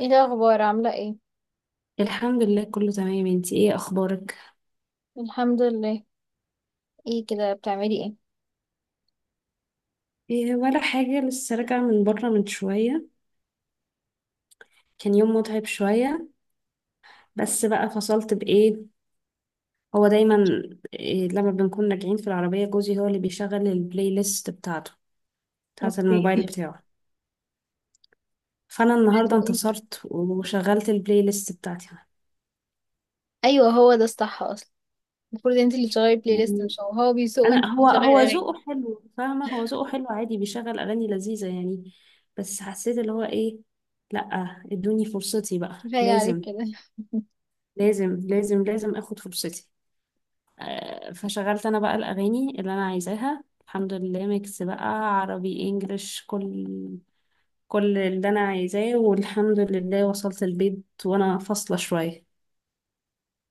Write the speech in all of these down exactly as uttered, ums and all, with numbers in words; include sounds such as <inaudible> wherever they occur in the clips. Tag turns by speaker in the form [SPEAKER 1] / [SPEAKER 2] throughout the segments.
[SPEAKER 1] ايه الاخبار عامله ايه؟
[SPEAKER 2] الحمد لله كله تمام، انتي ايه اخبارك؟
[SPEAKER 1] الحمد لله. ايه كده بتعملي ايه؟
[SPEAKER 2] إيه ولا حاجة، لسه راجعة من بره من شوية. كان يوم متعب شوية، بس بقى فصلت بايه. هو دايما، إيه، لما بنكون راجعين في العربية جوزي هو اللي بيشغل البلاي ليست بتاعته، بتاعت
[SPEAKER 1] اوكي.
[SPEAKER 2] الموبايل
[SPEAKER 1] <laughs>
[SPEAKER 2] بتاعه. فانا النهاردة
[SPEAKER 1] بتعملي إيه؟
[SPEAKER 2] انتصرت وشغلت البلاي ليست بتاعتي.
[SPEAKER 1] ايوه هو ده الصح اصلا. المفروض انت اللي تشغلي
[SPEAKER 2] يعني
[SPEAKER 1] بلاي ليست مش هو هو بيسوق وانت
[SPEAKER 2] انا
[SPEAKER 1] اللي
[SPEAKER 2] هو
[SPEAKER 1] بتشغلي
[SPEAKER 2] هو
[SPEAKER 1] اغاني.
[SPEAKER 2] ذوقه حلو، فاهمة؟ هو ذوقه حلو عادي، بيشغل اغاني لذيذة يعني. بس حسيت اللي هو ايه، لأ، ادوني فرصتي بقى،
[SPEAKER 1] كفايه عليك
[SPEAKER 2] لازم
[SPEAKER 1] كده.
[SPEAKER 2] لازم لازم لازم اخد فرصتي. آه، فشغلت انا بقى الاغاني اللي انا عايزاها، الحمد لله. ميكس بقى، عربي انجلش، كل كل اللي انا عايزاه، والحمد لله وصلت البيت وانا فاصله شويه.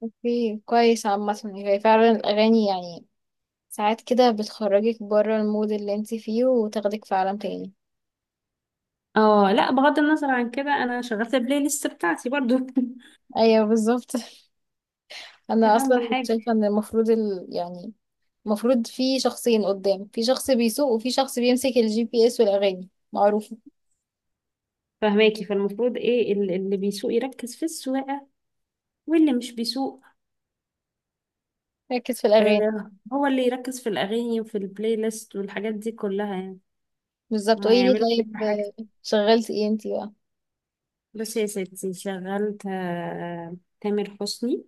[SPEAKER 1] اوكي كويس. عامه هي فعلا الاغاني يعني ساعات كده بتخرجك بره المود اللي انت فيه وتاخدك في عالم تاني.
[SPEAKER 2] اه لا، بغض النظر عن كده، انا شغلت البلاي ليست بتاعتي برضو.
[SPEAKER 1] ايوه بالظبط. <laughs>
[SPEAKER 2] <laughs>
[SPEAKER 1] انا
[SPEAKER 2] اهم
[SPEAKER 1] اصلا
[SPEAKER 2] حاجه.
[SPEAKER 1] شايفه ان المفروض ال... يعني المفروض في شخصين قدام، في شخص بيسوق وفي شخص بيمسك الجي بي اس والاغاني معروفه.
[SPEAKER 2] فهماكي؟ فالمفروض ايه، ال- اللي بيسوق يركز في السواقه، واللي مش بيسوق،
[SPEAKER 1] ركز في الاغاني.
[SPEAKER 2] آه، هو اللي يركز في الاغاني وفي البلاي ليست والحاجات دي كلها يعني.
[SPEAKER 1] بالظبط.
[SPEAKER 2] ما
[SPEAKER 1] قولي لي
[SPEAKER 2] هيعملوا
[SPEAKER 1] طيب،
[SPEAKER 2] كل حاجه.
[SPEAKER 1] آه، شغلتي ايه انتي بقى؟
[SPEAKER 2] بصي يا ستي، شغلت آه، تامر حسني،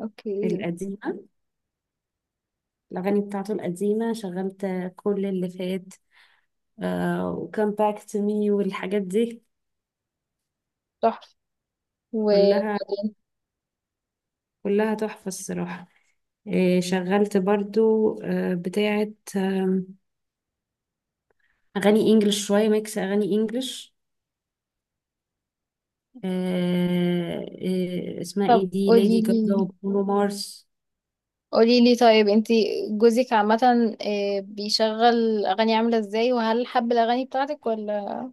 [SPEAKER 1] اوكي.
[SPEAKER 2] القديمة. الأغاني بتاعته القديمة، شغلت آه، كل اللي فات، آه، وكم باك تو مي والحاجات دي.
[SPEAKER 1] تحفة.
[SPEAKER 2] كلها،
[SPEAKER 1] وبعدين؟
[SPEAKER 2] كلها تحفة الصراحة. آه، شغلت برضو آه، بتاعة آم، أغاني إنجلش، شوية ميكس أغاني إنجلش. آه، آه، اسمها
[SPEAKER 1] طب
[SPEAKER 2] إيه دي،
[SPEAKER 1] قولي
[SPEAKER 2] ليدي جاجا
[SPEAKER 1] لي،
[SPEAKER 2] وبرونو مارس.
[SPEAKER 1] قولي لي طيب انتي جوزك عامة آه، بيشغل اغاني عاملة ازاي؟ وهل حب الاغاني بتاعتك ولا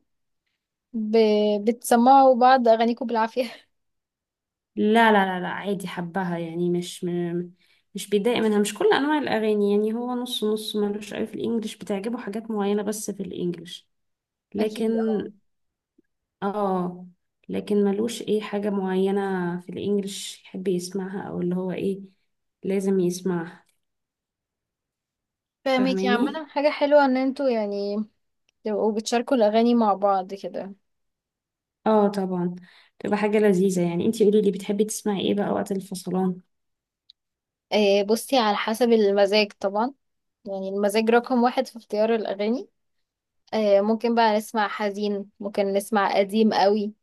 [SPEAKER 1] ب... بتسمعوا بعض اغانيكم بالعافية؟ <laughs>
[SPEAKER 2] لا لا لا لا، عادي، حبها يعني. مش م... مش بيتضايق منها. مش كل انواع الاغاني يعني، هو نص نص، ملوش قوي في الانجليش، بتعجبه حاجات معينة بس في الانجليش. لكن
[SPEAKER 1] اكيد اه.
[SPEAKER 2] اه، لكن ملوش ايه، حاجة معينة في الانجليش يحب يسمعها، او اللي هو ايه، لازم يسمعها.
[SPEAKER 1] فاهمك. يا عامة
[SPEAKER 2] فاهماني؟
[SPEAKER 1] حاجة حلوة ان انتوا يعني تبقوا بتشاركوا الاغاني مع بعض كده.
[SPEAKER 2] اه طبعا، تبقى حاجة لذيذة يعني. انتي قولي لي، بتحبي تسمعي ايه بقى وقت الفصلان؟
[SPEAKER 1] آه، بصي على حسب المزاج طبعا. يعني المزاج رقم واحد في اختيار الاغاني. آه، ممكن بقى نسمع حزين، ممكن نسمع قديم قوي،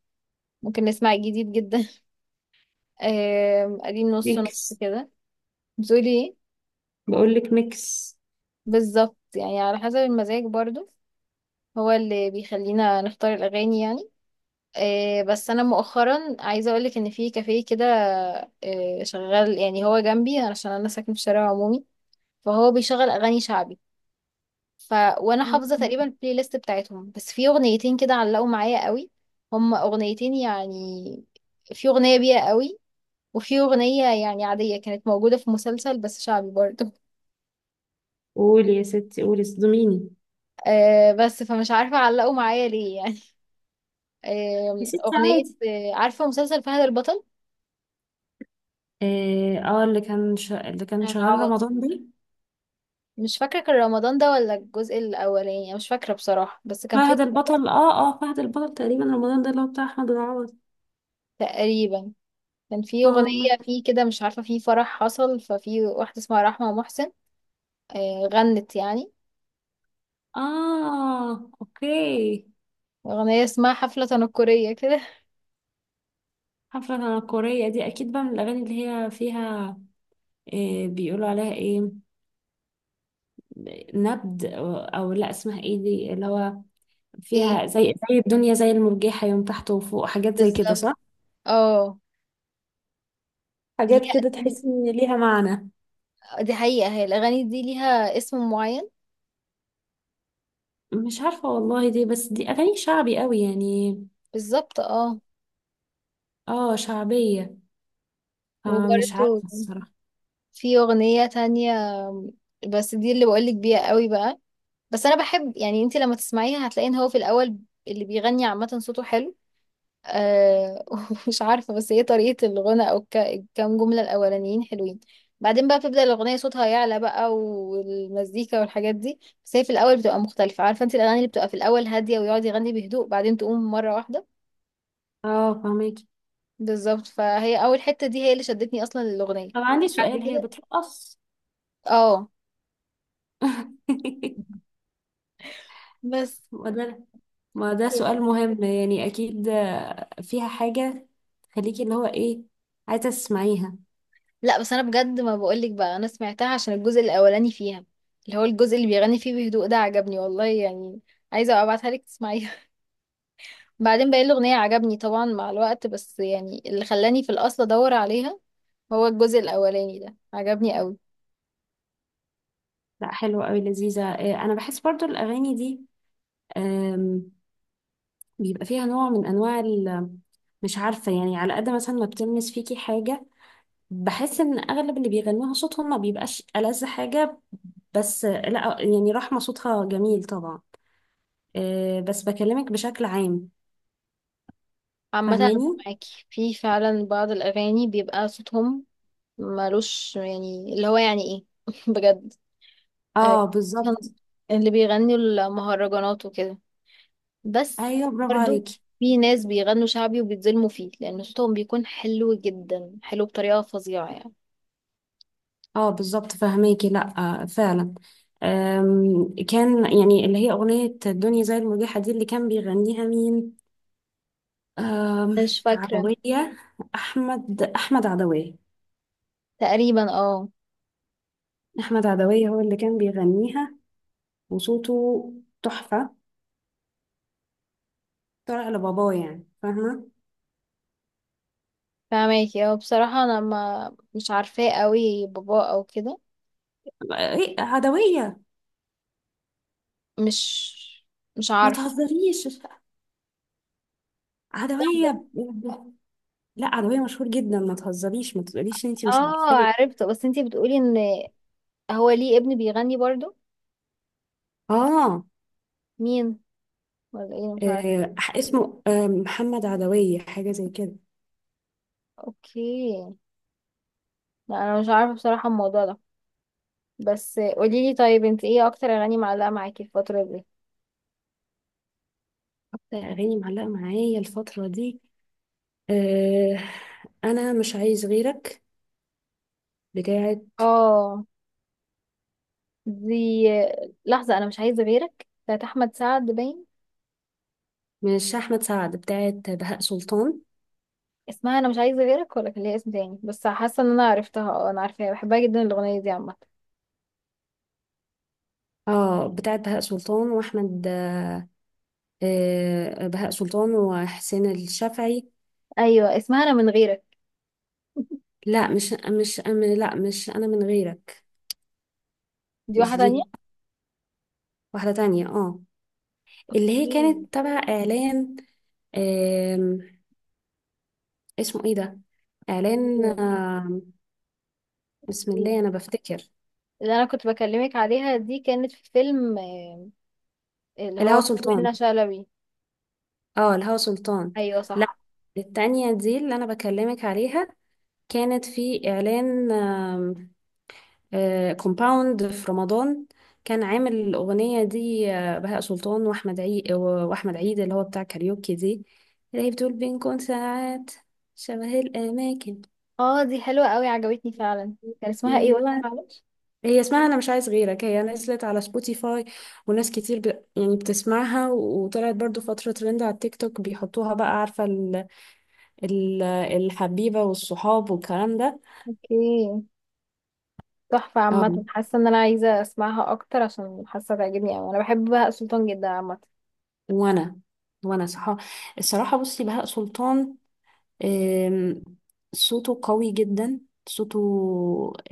[SPEAKER 1] ممكن نسمع جديد جدا. <laughs> آه، قديم نص نص
[SPEAKER 2] ميكس.
[SPEAKER 1] كده. بتقولي ايه؟
[SPEAKER 2] بقول لك ميكس.
[SPEAKER 1] بالظبط، يعني على حسب المزاج برضو هو اللي بيخلينا نختار الأغاني يعني. آه، بس أنا مؤخرا عايزة أقولك إن في كافيه كده آه، شغال، يعني هو جنبي عشان أنا ساكنة في شارع عمومي، فهو بيشغل أغاني شعبي. ف وانا حافظه تقريبا البلاي ليست بتاعتهم، بس في اغنيتين كده علقوا معايا قوي. هما اغنيتين يعني، في اغنيه بيها قوي وفي اغنيه يعني عاديه كانت موجوده في مسلسل بس شعبي برضه.
[SPEAKER 2] قولي يا ستي، قولي، صدميني.
[SPEAKER 1] <laughs> آه، بس فمش عارفه علقوا معايا ليه يعني. <laughs>
[SPEAKER 2] يا
[SPEAKER 1] آه،
[SPEAKER 2] ستي،
[SPEAKER 1] اغنيه.
[SPEAKER 2] عادي.
[SPEAKER 1] آه، عارفه مسلسل فهد البطل
[SPEAKER 2] اه، آه، اللي كان ش... اللي كان شغال
[SPEAKER 1] العوضي؟
[SPEAKER 2] رمضان ده،
[SPEAKER 1] مش فاكره كان رمضان ده ولا الجزء الاولاني، أنا مش فاكره بصراحه، بس كان في.
[SPEAKER 2] فهد البطل. اه اه، فهد البطل تقريبا رمضان ده، اللي هو بتاع احمد العوض.
[SPEAKER 1] تقريبا. كان في
[SPEAKER 2] اه
[SPEAKER 1] اغنيه
[SPEAKER 2] م-
[SPEAKER 1] فيه كده، مش عارفه في فرح حصل ففي واحده اسمها رحمه محسن، آه، غنت يعني
[SPEAKER 2] اه اوكي.
[SPEAKER 1] أغنية اسمها حفلة تنكرية كده.
[SPEAKER 2] حفلة تنكرية دي اكيد بقى من الاغاني اللي هي فيها، إيه بيقولوا عليها ايه، نبد او أو لا، اسمها ايه دي اللي هو
[SPEAKER 1] ايه.
[SPEAKER 2] فيها زي، زي الدنيا زي المرجحة، يوم تحت وفوق، حاجات زي كده،
[SPEAKER 1] بالظبط.
[SPEAKER 2] صح؟
[SPEAKER 1] اه. دي
[SPEAKER 2] حاجات
[SPEAKER 1] ليها
[SPEAKER 2] كده
[SPEAKER 1] أسامي؟
[SPEAKER 2] تحس ان ليها معنى.
[SPEAKER 1] آه، دي حقيقة هي الأغاني دي ليها اسم معين؟
[SPEAKER 2] مش عارفة والله، دي بس دي اغاني شعبي قوي يعني.
[SPEAKER 1] بالظبط اه.
[SPEAKER 2] اه شعبية، فمش
[SPEAKER 1] وبرده
[SPEAKER 2] عارفة الصراحة.
[SPEAKER 1] في أغنية تانية، بس دي اللي بقولك بيها قوي بقى. بس أنا بحب، يعني انتي لما تسمعيها هتلاقي ان هو في الأول اللي بيغني عامة صوته حلو. آه <laughs> مش عارفة، بس هي طريقة الغنى أو ك- الكام جملة الأولانيين حلوين. بعدين بقى بتبدأ الأغنية صوتها يعلى بقى والمزيكا والحاجات دي، بس هي في الأول بتبقى مختلفة. عارفة انت الأغاني اللي بتبقى في الأول هادية ويقعد يغني بهدوء بعدين تقوم مرة واحدة؟
[SPEAKER 2] اه فهميكي.
[SPEAKER 1] بالظبط. فهي أول حتة دي هي اللي شدتني أصلا للأغنية.
[SPEAKER 2] طب عندي
[SPEAKER 1] بعد
[SPEAKER 2] سؤال، هي
[SPEAKER 1] كده
[SPEAKER 2] بترقص؟
[SPEAKER 1] اه.
[SPEAKER 2] <laughs>
[SPEAKER 1] بس
[SPEAKER 2] ما ده ما ده سؤال مهم يعني. أكيد آه، فيها حاجة تخليكي اللي هو إيه، عايزة تسمعيها.
[SPEAKER 1] لا، بس أنا بجد ما بقولك بقى، أنا سمعتها عشان الجزء الأولاني فيها، اللي هو الجزء اللي بيغني فيه بهدوء ده عجبني والله يعني. عايزة أبقى أبعتها لك تسمعيها. بعدين باقي الأغنية عجبني طبعا مع الوقت، بس يعني اللي خلاني في الأصل أدور عليها هو الجزء الأولاني ده عجبني قوي.
[SPEAKER 2] لا حلوة أوي، لذيذة. آه، أنا بحس برضو الأغاني دي، آم، بيبقى فيها نوع من أنواع ال- مش عارفة يعني، على قد مثلا ما بتلمس فيكي حاجة، بحس إن أغلب اللي بيغنوها صوتهم ما بيبقاش ألذ حاجة. بس آه، لا يعني، رحمة صوتها جميل طبعا، آه، بس بكلمك بشكل عام.
[SPEAKER 1] عامة أنا
[SPEAKER 2] فاهماني
[SPEAKER 1] معاكي في فعلا بعض الأغاني بيبقى صوتهم ملوش، يعني اللي هو يعني إيه. <laughs> بجد. آه،
[SPEAKER 2] اه، بالظبط.
[SPEAKER 1] اللي بيغنوا المهرجانات وكده. بس
[SPEAKER 2] ايوه برافو
[SPEAKER 1] برضو
[SPEAKER 2] عليكي.
[SPEAKER 1] في ناس بيغنوا شعبي وبيتظلموا فيه، لأن صوتهم بيكون حلو جدا، حلو بطريقة فظيعة يعني.
[SPEAKER 2] اه بالظبط، فاهماكي. لا آه فعلا. آم، كان يعني اللي هي اغنيه الدنيا زي المريحه دي، اللي كان بيغنيها مين، آم،
[SPEAKER 1] مش فاكرة.
[SPEAKER 2] عدويه. احمد احمد عدويه.
[SPEAKER 1] تقريبا اه.
[SPEAKER 2] احمد عدويه هو اللي كان بيغنيها. وصوته تحفه. طلع لباباه يعني، فاهمه؟
[SPEAKER 1] فاهماكي. اه، بصراحة انا ما مش عارفاه قوي بابا او كده.
[SPEAKER 2] إيه، عدويه.
[SPEAKER 1] مش مش
[SPEAKER 2] ما
[SPEAKER 1] عارفة.
[SPEAKER 2] تهزريش،
[SPEAKER 1] لحظة.
[SPEAKER 2] عدويه. لا عربية، مشهور جدا، ما تهزريش، ما تقوليش ان انتي مش
[SPEAKER 1] اه
[SPEAKER 2] عارفاه.
[SPEAKER 1] عرفته، بس انتي بتقولي ان هو ليه ابن بيغني برضو؟
[SPEAKER 2] اه
[SPEAKER 1] مين؟ ولا ايه؟ أنا مش عارفة.
[SPEAKER 2] آه، اسمه آه، محمد عدوية حاجة زي كده.
[SPEAKER 1] اوكي. لا انا مش عارفة بصراحة الموضوع ده. بس قوليلي طيب، انت ايه اكتر اغاني معلقة معاكي الفترة دي؟
[SPEAKER 2] اكتر اغاني معلقة معايا الفترة دي، آه، انا مش عايز غيرك، بتاعت،
[SPEAKER 1] اه. دي. لحظة، انا مش عايزة غيرك بتاعت احمد سعد باين.
[SPEAKER 2] مش احمد سعد، بتاعت بهاء سلطان.
[SPEAKER 1] اسمها انا مش عايزة غيرك، ولا كان ليها اسم تاني؟ بس حاسة ان انا عرفتها. اه انا عارفاها، بحبها جدا الاغنية دي عامة.
[SPEAKER 2] اه، بتاعت بهاء سلطان واحمد، آه، بهاء سلطان وحسين الشافعي.
[SPEAKER 1] ايوه اسمها انا من غيرك.
[SPEAKER 2] لا مش مش أم- لا مش انا من غيرك.
[SPEAKER 1] دي واحده
[SPEAKER 2] مش
[SPEAKER 1] تانية.
[SPEAKER 2] دي، واحدة تانية، اه. اللي هي
[SPEAKER 1] اوكي.
[SPEAKER 2] كانت تبع اعلان، آم، اسمه ايه ده، اعلان
[SPEAKER 1] اوكي.
[SPEAKER 2] آم، بسم
[SPEAKER 1] اوكي.
[SPEAKER 2] الله انا بفتكر.
[SPEAKER 1] اللي انا كنت بكلمك عليها دي كانت في فيلم آه، اللي
[SPEAKER 2] الهوا
[SPEAKER 1] هو فيه
[SPEAKER 2] سلطان.
[SPEAKER 1] منة شلبي.
[SPEAKER 2] اه الهوا سلطان.
[SPEAKER 1] ايوه
[SPEAKER 2] لا،
[SPEAKER 1] صح.
[SPEAKER 2] التانية دي اللي انا بكلمك عليها كانت في اعلان كومباوند في رمضان. كان عامل الاغنية دي آه، بهاء سلطان واحمد عيد، واحمد عيد اللي هو بتاع كاريوكي دي، اللي هي بتقول بنكون ساعات شبه الاماكن.
[SPEAKER 1] اه دي حلوه قوي، عجبتني فعلا. كان اسمها ايه
[SPEAKER 2] دي
[SPEAKER 1] وقت، معلش؟
[SPEAKER 2] هي اسمها انا مش عايز غيرك. هي نزلت على سبوتيفاي، وناس كتير ب... يعني بتسمعها، وطلعت برضو فترة ترند على التيك توك بيحطوها بقى، عارفة ال... ال... الحبيبة والصحاب والكلام ده.
[SPEAKER 1] اوكي. تحفه عامه،
[SPEAKER 2] أم.
[SPEAKER 1] حاسه ان انا عايزه اسمعها اكتر عشان حاسه تعجبني قوي. انا بحب بهاء سلطان جدا عامه.
[SPEAKER 2] وانا وانا صح. الصراحة بصي، بهاء سلطان آم، صوته قوي جدا. صوته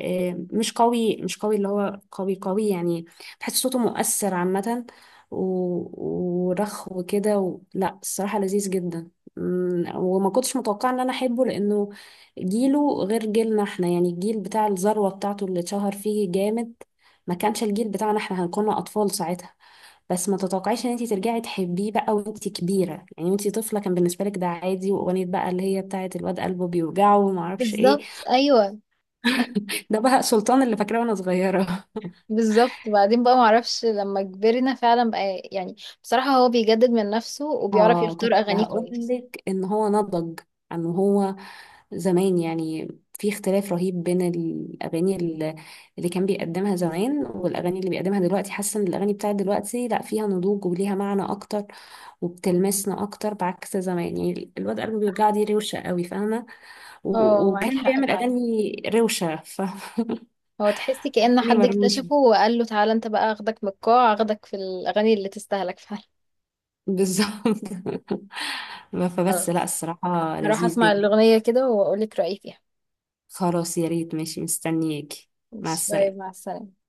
[SPEAKER 2] آم، مش قوي مش قوي اللي هو قوي قوي يعني. بحس صوته مؤثر عامة، و- ورخو وكده و... لا الصراحة لذيذ جدا. مم، وما كنتش متوقعة ان انا احبه، لانه جيله غير جيلنا احنا، يعني الجيل بتاع الذروة بتاعته اللي اتشهر فيه جامد ما كانش الجيل بتاعنا احنا، هنكون اطفال ساعتها. بس ما تتوقعيش ان انت ترجعي تحبيه بقى وانت كبيره، يعني وانت طفله كان بالنسبه لك ده عادي، واغنيه بقى اللي هي بتاعه الواد قلبه بيوجعه وما اعرفش ايه.
[SPEAKER 1] بالظبط ايوه.
[SPEAKER 2] <laughs> ده بقى سلطان اللي فاكراه وانا صغيره.
[SPEAKER 1] بالظبط. وبعدين بقى معرفش لما كبرنا فعلا بقى يعني، بصراحه هو بيجدد من نفسه وبيعرف
[SPEAKER 2] اه
[SPEAKER 1] يختار
[SPEAKER 2] كنت
[SPEAKER 1] اغانيه كويس.
[SPEAKER 2] هقولك ان هو نضج عن هو زمان يعني. في اختلاف رهيب بين الاغاني ال- اللي كان بيقدمها زمان والاغاني اللي بيقدمها دلوقتي. حاسه ان الاغاني بتاعت دلوقتي لا فيها نضوج وليها معنى اكتر وبتلمسنا اكتر، بعكس زمان يعني الواد قلبه بيوجع دي روشه قوي، فاهمه؟ و-
[SPEAKER 1] اه معاك
[SPEAKER 2] وكان
[SPEAKER 1] حق
[SPEAKER 2] بيعمل
[SPEAKER 1] فعلا.
[SPEAKER 2] اغاني روشه، فاهماني؟
[SPEAKER 1] هو تحسي كأن
[SPEAKER 2] <laughs>
[SPEAKER 1] حد
[SPEAKER 2] مرموشه،
[SPEAKER 1] اكتشفه وقال له تعالى انت بقى، اخدك من القاع اخدك في الاغاني اللي تستاهلك فعلا.
[SPEAKER 2] بالظبط. <laughs> فبس لا،
[SPEAKER 1] خلاص،
[SPEAKER 2] الصراحه
[SPEAKER 1] هروح
[SPEAKER 2] لذيذ
[SPEAKER 1] اسمع
[SPEAKER 2] جدا.
[SPEAKER 1] الاغنية كده واقول لك رأيي فيها.
[SPEAKER 2] خلاص، يا ريت. ماشي، مستنياكي. مع
[SPEAKER 1] ماشي، باي، مع
[SPEAKER 2] السلامة.
[SPEAKER 1] السلامة.